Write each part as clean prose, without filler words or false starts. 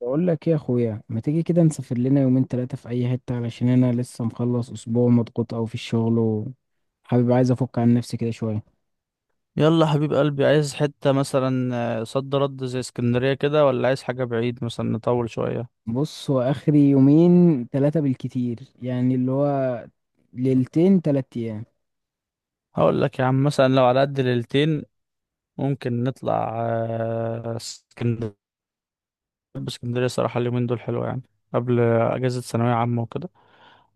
بقول لك ايه يا اخويا، ما تيجي كده نسافر لنا يومين 3 في اي حتة؟ علشان انا لسه مخلص اسبوع مضغوط او في الشغل، وحابب عايز افك عن نفسي كده شوية. يلا حبيب قلبي، عايز حتة مثلا؟ صد رد زي اسكندرية كده، ولا عايز حاجة بعيد مثلا نطول شوية؟ بص، هو اخري يومين 3 بالكتير، يعني اللي هو ليلتين 3 ايام. هقول لك يا عم، مثلا لو على قد ليلتين ممكن نطلع اسكندرية. اسكندرية صراحة اليومين دول حلوة يعني، قبل أجازة ثانوية عامة وكده.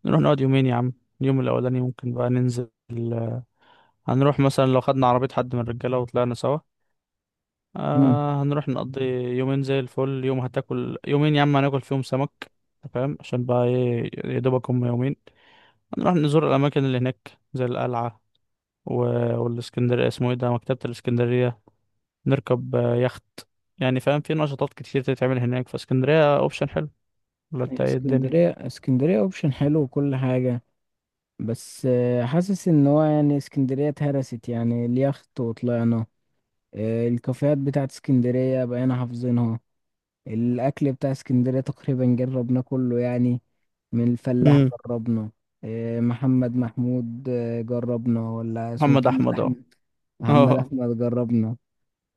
نروح نقعد يومين يا عم، اليوم الأولاني ممكن بقى ننزل. آه، هنروح مثلا لو خدنا عربية حد من الرجالة وطلعنا سوا. امم آه، هنروح نقضي يومين زي الفل، يوم هتاكل، يومين يا عم هناكل فيهم سمك. أنت فاهم؟ عشان بقى ايه، يا دوبك هم يومين. هنروح نزور الأماكن اللي هناك زي القلعة و... والإسكندرية اسمه ايه ده، مكتبة الإسكندرية. نركب يخت. يعني فاهم، في نشاطات كتير تتعمل هناك، فاسكندرية اوبشن حلو، ولا انت ايه الدنيا؟ اسكندرية اوبشن حلو وكل حاجة، بس حاسس ان هو يعني اسكندرية اتهرست، يعني اليخت وطلعنا. الكافيهات بتاعت اسكندرية بقينا حافظينها. الأكل بتاع اسكندرية تقريبا جربناه كله يعني. من الفلاح امم. جربنا. إيه، محمد محمود، جربنا؟ ولا اسمه محمد محمد أحمد اهو. أحمد؟ محمد اه. أحمد جربنا.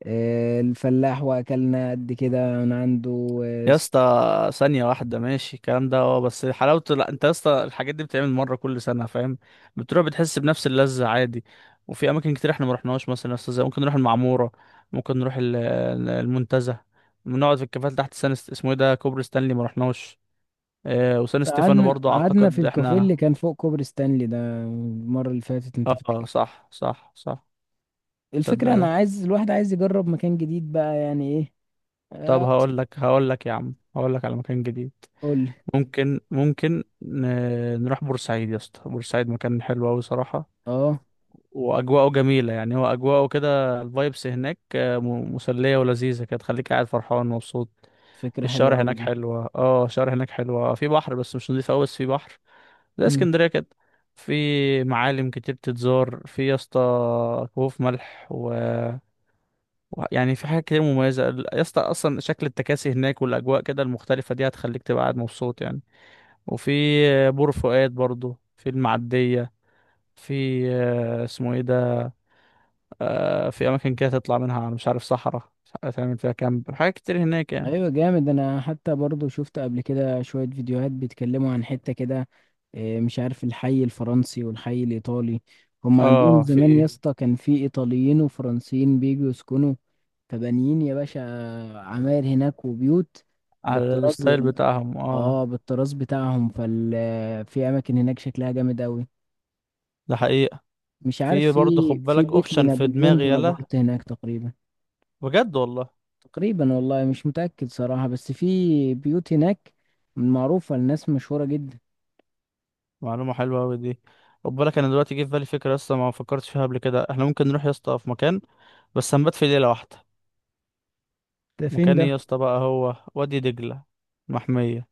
إيه، الفلاح وأكلنا قد كده من عنده آه، يا س- اسطى ثانية واحدة، ماشي الكلام ده اه، بس حلاوته، لا انت يا اسطى الحاجات دي بتتعمل مرة كل سنة فاهم؟ بتروح بتحس بنفس اللذة عادي. وفي أماكن كتير احنا ما رحناهاش، مثلا يا اسطى زي ممكن نروح المعمورة، ممكن نروح المنتزه، بنقعد في الكافيهات تحت سان اسمه ايه ده، كوبري ستانلي ما رحناش. اه، وسان ستيفانو قعدنا برضه قعدنا في أعتقد الكافيه احنا. اللي كان فوق كوبري ستانلي ده المرة اللي فاتت، أنت اه، فاكر؟ صح صح صح. صدق الفكرة يا. أنا عايز، الواحد عايز يجرب مكان جديد بقى يعني إيه. طب آه، هقول لك يا عم، هقول لك على مكان جديد. قول لي. ممكن نروح بورسعيد يا اسطى. بورسعيد مكان حلو أوي صراحة، أه، واجواءه جميله يعني، هو اجواءه كده الفايبس هناك مسليه ولذيذه كده، تخليك قاعد فرحان ومبسوط. فكرة حلوة الشوارع هناك أوي حلوه، اه الشوارع هناك حلوه، في بحر بس مش نضيف قوي، بس في بحر زي دي. اسكندريه كده. في معالم كتير تتزار في يا اسطى، كهوف ملح يعني في حاجات كتير مميزه يا اسطى، اصلا شكل التكاسي هناك والاجواء كده المختلفه دي هتخليك تبقى قاعد مبسوط يعني. وفي بور فؤاد برضو في المعديه. في آه، اسمه ايه ده في اماكن كده تطلع منها على، مش عارف، صحراء، مش عارف تعمل فيها كامب، حاجات كتير هناك يعني. ايوه جامد، انا حتى برضو شفت قبل كده شوية فيديوهات بيتكلموا عن حتة كده. إيه، مش عارف الحي الفرنسي والحي الايطالي. هم عندهم اه، زمان يا في اسطى كان في ايطاليين وفرنسيين بيجوا يسكنوا، فبانيين يا باشا، عماير هناك وبيوت على بالطراز الستايل ال- بتاعهم اه. اه بالطراز بتاعهم فال، في اماكن هناك شكلها جامد اوي. ده حقيقة. مش عارف، في برضه، في خد في بالك بيت اوبشن في لنابليون دماغي يلا، بونابرت هناك تقريبا. بجد والله. تقريبا والله مش متأكد صراحة، بس في بيوت هناك معروفة لناس مشهورة جدا. معلومة حلوة اوي دي. خد بالك انا دلوقتي جه في بالي فكرة، لسه ما فكرتش فيها قبل كده، احنا ممكن نروح يا اسطى في مكان بس هنبات في ليلة واحدة. ده فين مكان ايه ده؟ يا اسطى بقى؟ هو وادي دجلة، محمية.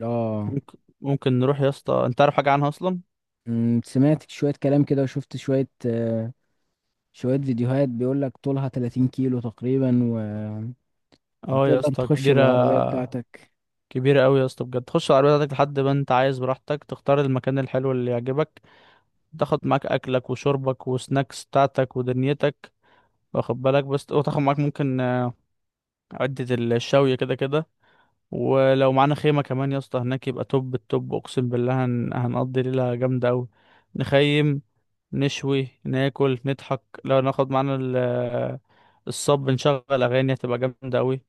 اه. ممكن نروح يا اسطى؟ انت عارف حاجة عنها اصلا؟ سمعت شوية كلام كده، وشفت شوية فيديوهات بيقولك طولها 30 كيلو تقريبا، اه يا وتقدر اسطى تخش كبيرة، بالعربية بتاعتك. كبيرة قوي يا اسطى بجد، تخش العربية بتاعتك لحد ما انت عايز، براحتك تختار المكان الحلو اللي يعجبك، تاخد معاك اكلك وشربك وسناكس بتاعتك ودنيتك، واخد بالك بس، وتاخد معاك ممكن عدة الشاوية كده كده. ولو معانا خيمة كمان يا اسطى هناك يبقى توب التوب، اقسم بالله هنقضي ليلة جامدة قوي. نخيم، نشوي، ناكل، نضحك، لو ناخد معانا ال... آه، الصب، نشغل اغاني، هتبقى جامدة قوي.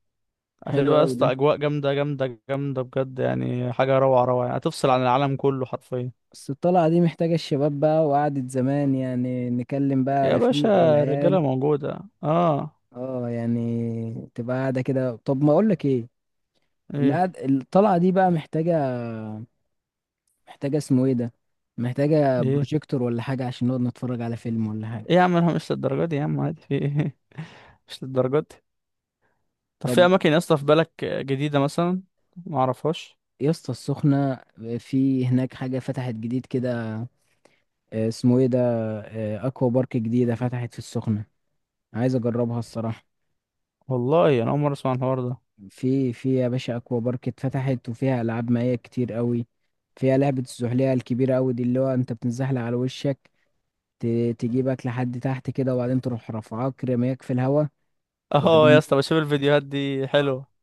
حلو هتبقى يا أوي اسطى ده. اجواء جامده جامده جامده بجد يعني، حاجه روعه روعه يعني، هتفصل عن العالم كله حرفيا. بس الطلعة دي محتاجة الشباب بقى وقعدة زمان، يعني نكلم بقى يا رفيق باشا والعيال. الرجاله موجوده اه. اه، يعني تبقى قاعدة كده. طب ما أقولك ايه، ايه الطلعة دي بقى محتاجة، محتاجة اسمه ايه ده، محتاجة ايه. ايه بروجيكتور ولا حاجة عشان نقعد نتفرج على فيلم ولا حاجة. يا عم، انا مش للدرجه دي يا عم، عادي، في ايه؟ مش للدرجه دي. طب طب، في اماكن يا اسطى في بالك جديده مثلا ما اعرفهاش؟ يا اسطى السخنة، في هناك حاجة فتحت جديد كده، اسمه ايه ده، اكوا بارك جديدة فتحت في السخنة، عايز اجربها الصراحة. والله انا اول مره اسمع عن الحوار ده. في يا باشا، اكوا بارك اتفتحت، وفيها العاب مائية كتير قوي. فيها لعبة الزحلية الكبيرة قوي دي، اللي هو انت بتنزحلق على وشك، تجيبك لحد تحت كده، وبعدين تروح رافعاك رميك في الهوا، اه يا وبعدين اسطى بشوف الفيديوهات دي حلوه.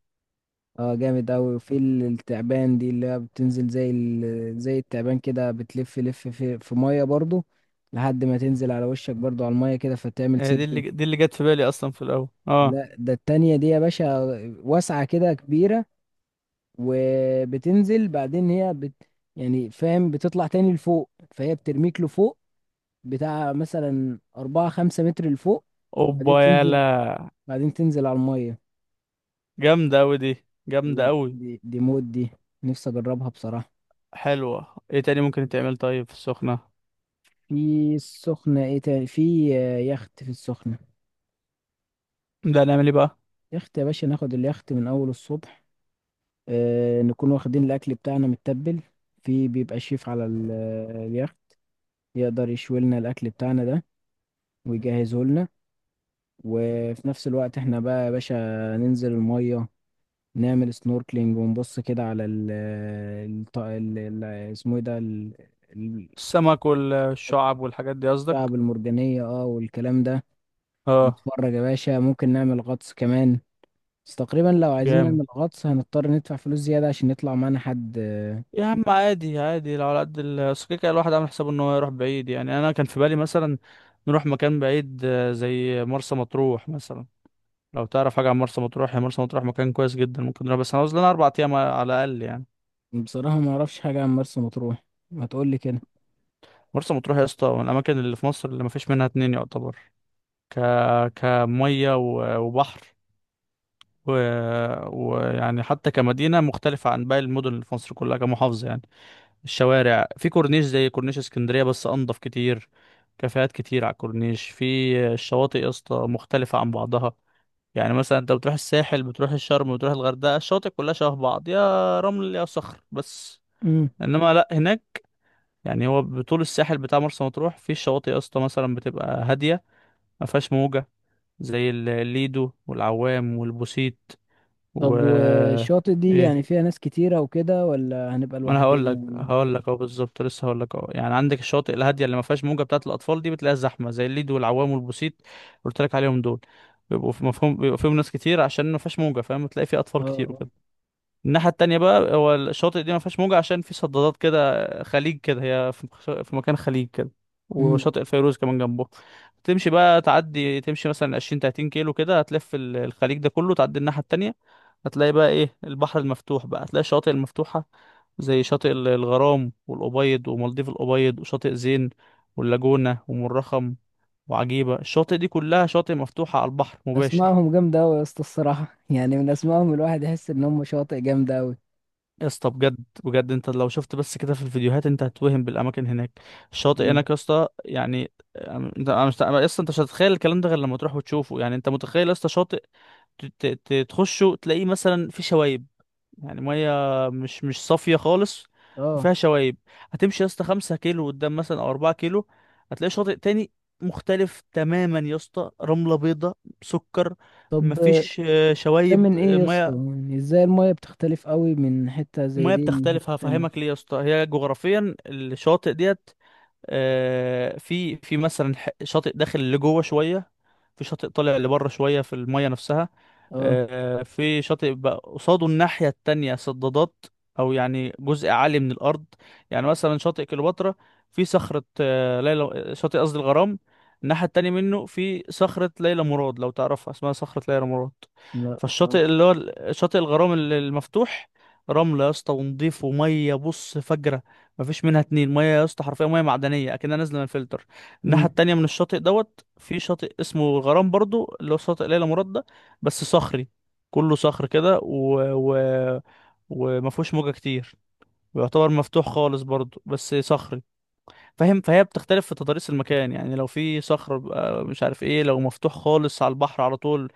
اه جامد اوي. وفي التعبان دي، اللي هي بتنزل زي التعبان كده، بتلف لف في ميه برضو لحد ما تنزل على وشك برضو على الميه كده فتعمل هي دي سيرفنج. اللي جت في بالي اصلا في الاول اه. لا، ده التانية دي يا باشا، واسعة كده كبيرة، وبتنزل بعدين هي بت... يعني فاهم، بتطلع تاني لفوق، فهي بترميك لفوق بتاع مثلا أربعة خمسة متر لفوق، بعدين اوبا تنزل، يالا. بعدين تنزل على المية. جامده اوي دي، دي جامده اوي. دي، دي مود دي، نفسي أجربها بصراحة. حلوه. ايه تاني ممكن يتعمل طيب في السخنه؟ في السخنة ايه تاني؟ في يخت في السخنة. ده نعمل ايه بقى؟ يخت يا باشا، ناخد اليخت من أول الصبح، آه نكون واخدين الأكل بتاعنا متبل، في بيبقى شيف على اليخت يقدر يشوي لنا الأكل بتاعنا ده ويجهزه لنا. وفي نفس الوقت احنا بقى يا باشا ننزل المية، نعمل سنوركلينج، ونبص كده على ال اسمه ايه ده، ال- السمك والشعب والحاجات دي قصدك؟ الشعب المرجانية، اه والكلام ده. اه. نتفرج يا باشا، ممكن نعمل غطس كمان، بس تقريبا لو عايزين جامد. نعمل غطس هنضطر ندفع فلوس زيادة عشان يطلع معانا حد. يا عم عادي عادي، لو على قد أصل كده كده الواحد عامل حسابه ان هو يروح بعيد يعني. انا كان في بالي مثلا نروح مكان بعيد زي مرسى مطروح مثلا، لو تعرف حاجه عن مرسى مطروح. يا مرسى مطروح مكان كويس جدا، ممكن نروح بس هنعوز لنا اربع ايام على الاقل يعني. بصراحة ما اعرفش حاجة عن مرسى مطروح، ما تقولي كده. مرسى مطروح يا اسطى من الاماكن اللي في مصر اللي ما فيش منها اتنين يعتبر. ك، كميه وبحر و... ويعني حتى كمدينه مختلفه عن باقي المدن اللي في مصر كلها كمحافظه يعني. الشوارع في كورنيش زي كورنيش اسكندرية بس أنضف كتير، كافيهات كتير على الكورنيش. في الشواطئ يا اسطى مختلفة عن بعضها، يعني مثلا انت بتروح الساحل، بتروح الشرم، بتروح الغردقة، الشواطئ كلها شبه بعض، يا رمل يا صخر بس. امم. انما لا هناك يعني، هو بطول الساحل بتاع مرسى مطروح في الشواطئ يا اسطى مثلا بتبقى هادية ما فيهاش موجة، زي الليدو والعوام والبوسيت و. طب، والشاطئ دي ايه؟ يعني فيها ناس كتيرة وكده، ولا هنبقى ما انا هقول لك لوحدنا؟ هقول لك اهو بالظبط، لسه هقول لك اهو. يعني عندك الشواطئ الهاديه اللي ما فيهاش موجه بتاعه الاطفال دي، بتلاقيها زحمه زي الليد والعوام والبوسيت، قلت لك عليهم دول، بيبقوا في مفهوم، بيبقى فيهم ناس كتير عشان ما فيهاش موجه فاهم، تلاقي فيه اه اطفال كتير اه. وكده. الناحية التانية بقى، هو الشاطئ دي ما فيهاش موجة عشان في صدادات كده، خليج كده، هي في مكان خليج كده، امم. وشاطئ الفيروز كمان جنبه. تمشي بقى، تعدي، تمشي مثلا 20 30 كيلو كده، هتلف الخليج ده كله، تعدي الناحية التانية هتلاقي بقى ايه؟ البحر المفتوح بقى، هتلاقي الشواطئ المفتوحة زي شاطئ الغرام والأبيض ومالديف الأبيض وشاطئ زين واللاجونة ومرخم وعجيبة. الشاطئ دي كلها شاطئ مفتوحة على البحر مباشر. اسمائهم جامدة أوي يا اسطى الصراحة يعني من اسمائهم الواحد يحس ان هم شواطئ جامدة أوي. يا اسطى بجد، بجد انت لو شفت بس كده في الفيديوهات انت هتتوهم بالاماكن هناك. الشاطئ امم. هناك يا اسطى يعني. أم- انت، انا مش، يا اسطى انت مش هتتخيل الكلام ده غير لما تروح وتشوفه. يعني انت متخيل يا اسطى شاطئ تخشه تلاقيه مثلا فيه شوايب، يعني ميه مش صافيه خالص اه. وفيها شوايب. هتمشي يا اسطى 5 كيلو قدام مثلا او 4 كيلو، هتلاقي شاطئ تاني مختلف تماما يا اسطى، رمله بيضاء سكر، طب، مفيش ده شوايب من ايه يا اسطى؟ الميه. يعني ازاي المية بتختلف أوي من حتة زي المياه دي بتختلف، لحتة تانية؟ هفهمك ليه يا اسطى، هي جغرافيا الشواطئ ديت. في مثلا شاطئ داخل لجوه شويه، في شاطئ طالع لبره شويه في الميه نفسها. اه. في شاطئ بقى قصاده الناحيه التانية صدادات، او يعني جزء عالي من الارض. يعني مثلا شاطئ كليوباترا في صخره، آه، ليلى شاطئ قصدي الغرام الناحيه التانية منه في صخره ليلى مراد، لو تعرفها، اسمها صخره ليلى مراد. لا بصراحة. فالشاطئ اللي هو شاطئ الغرام المفتوح، رملة يا اسطى ونضيف، ومية بص فجرة، مفيش منها اتنين، ميه يا اسطى حرفيا ميه معدنيه اكنها نازله من الفلتر. الناحيه مم. التانية من الشاطئ دوت في شاطئ اسمه الغرام برضو اللي هو شاطئ ليلى مراد ده، بس صخري، كله صخر كده وما فيهوش موجه كتير، ويعتبر مفتوح خالص برضو بس صخري، فاهم؟ فهي بتختلف في تضاريس المكان يعني، لو في صخر بيبقى مش عارف ايه، لو مفتوح خالص على البحر على طول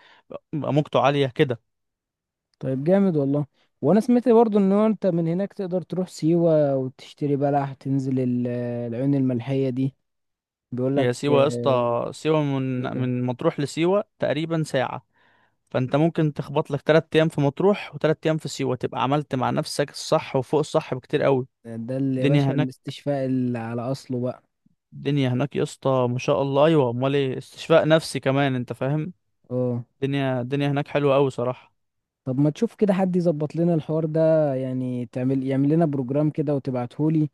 بيبقى موجته عاليه كده. طيب جامد والله، وانا سمعت برضو ان هو انت من هناك تقدر تروح سيوة وتشتري بلح، تنزل العيون الملحية دي، بيقول هي لك سيوه يا آه، اسطى، سيوه من ايه ده؟ من مطروح لسيوه تقريبا ساعه، فانت ممكن تخبط لك تلات ايام في مطروح وتلات ايام في سيوة، تبقى عملت مع نفسك الصح وفوق الصح بكتير قوي. ده اللي يا الدنيا باشا هناك، الاستشفاء اللي على اصله بقى. الدنيا هناك يا اسطى ما شاء الله، ايوه، امال ايه، استشفاء نفسي كمان انت فاهم. اه. الدنيا هناك حلوه قوي صراحه. طب، ما تشوف كده حد يظبط لنا الحوار ده يعني، تعمل يعمل لنا بروجرام كده وتبعتهولي،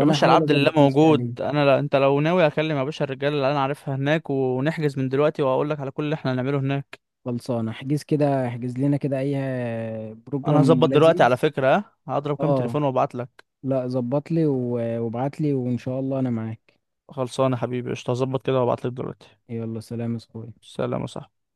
يا باشا احاول العبد لله اظبط نفسي موجود، عليه. انا لا انت لو ناوي اكلم يا باشا الرجاله اللي انا عارفها هناك، ونحجز من دلوقتي، واقول لك على كل اللي احنا هنعمله هناك. خلصانه، احجز كده، احجز لنا كده اي انا بروجرام هظبط دلوقتي على لذيذ. فكره، ها هضرب كام اه. تليفون وابعت لك. لا، ظبط لي وابعت لي، وان شاء الله انا معاك. خلصانه حبيبي، قشطه، هظبط كده وابعت لك دلوقتي. يلا، سلام يا اخوي. سلام يا صاحبي.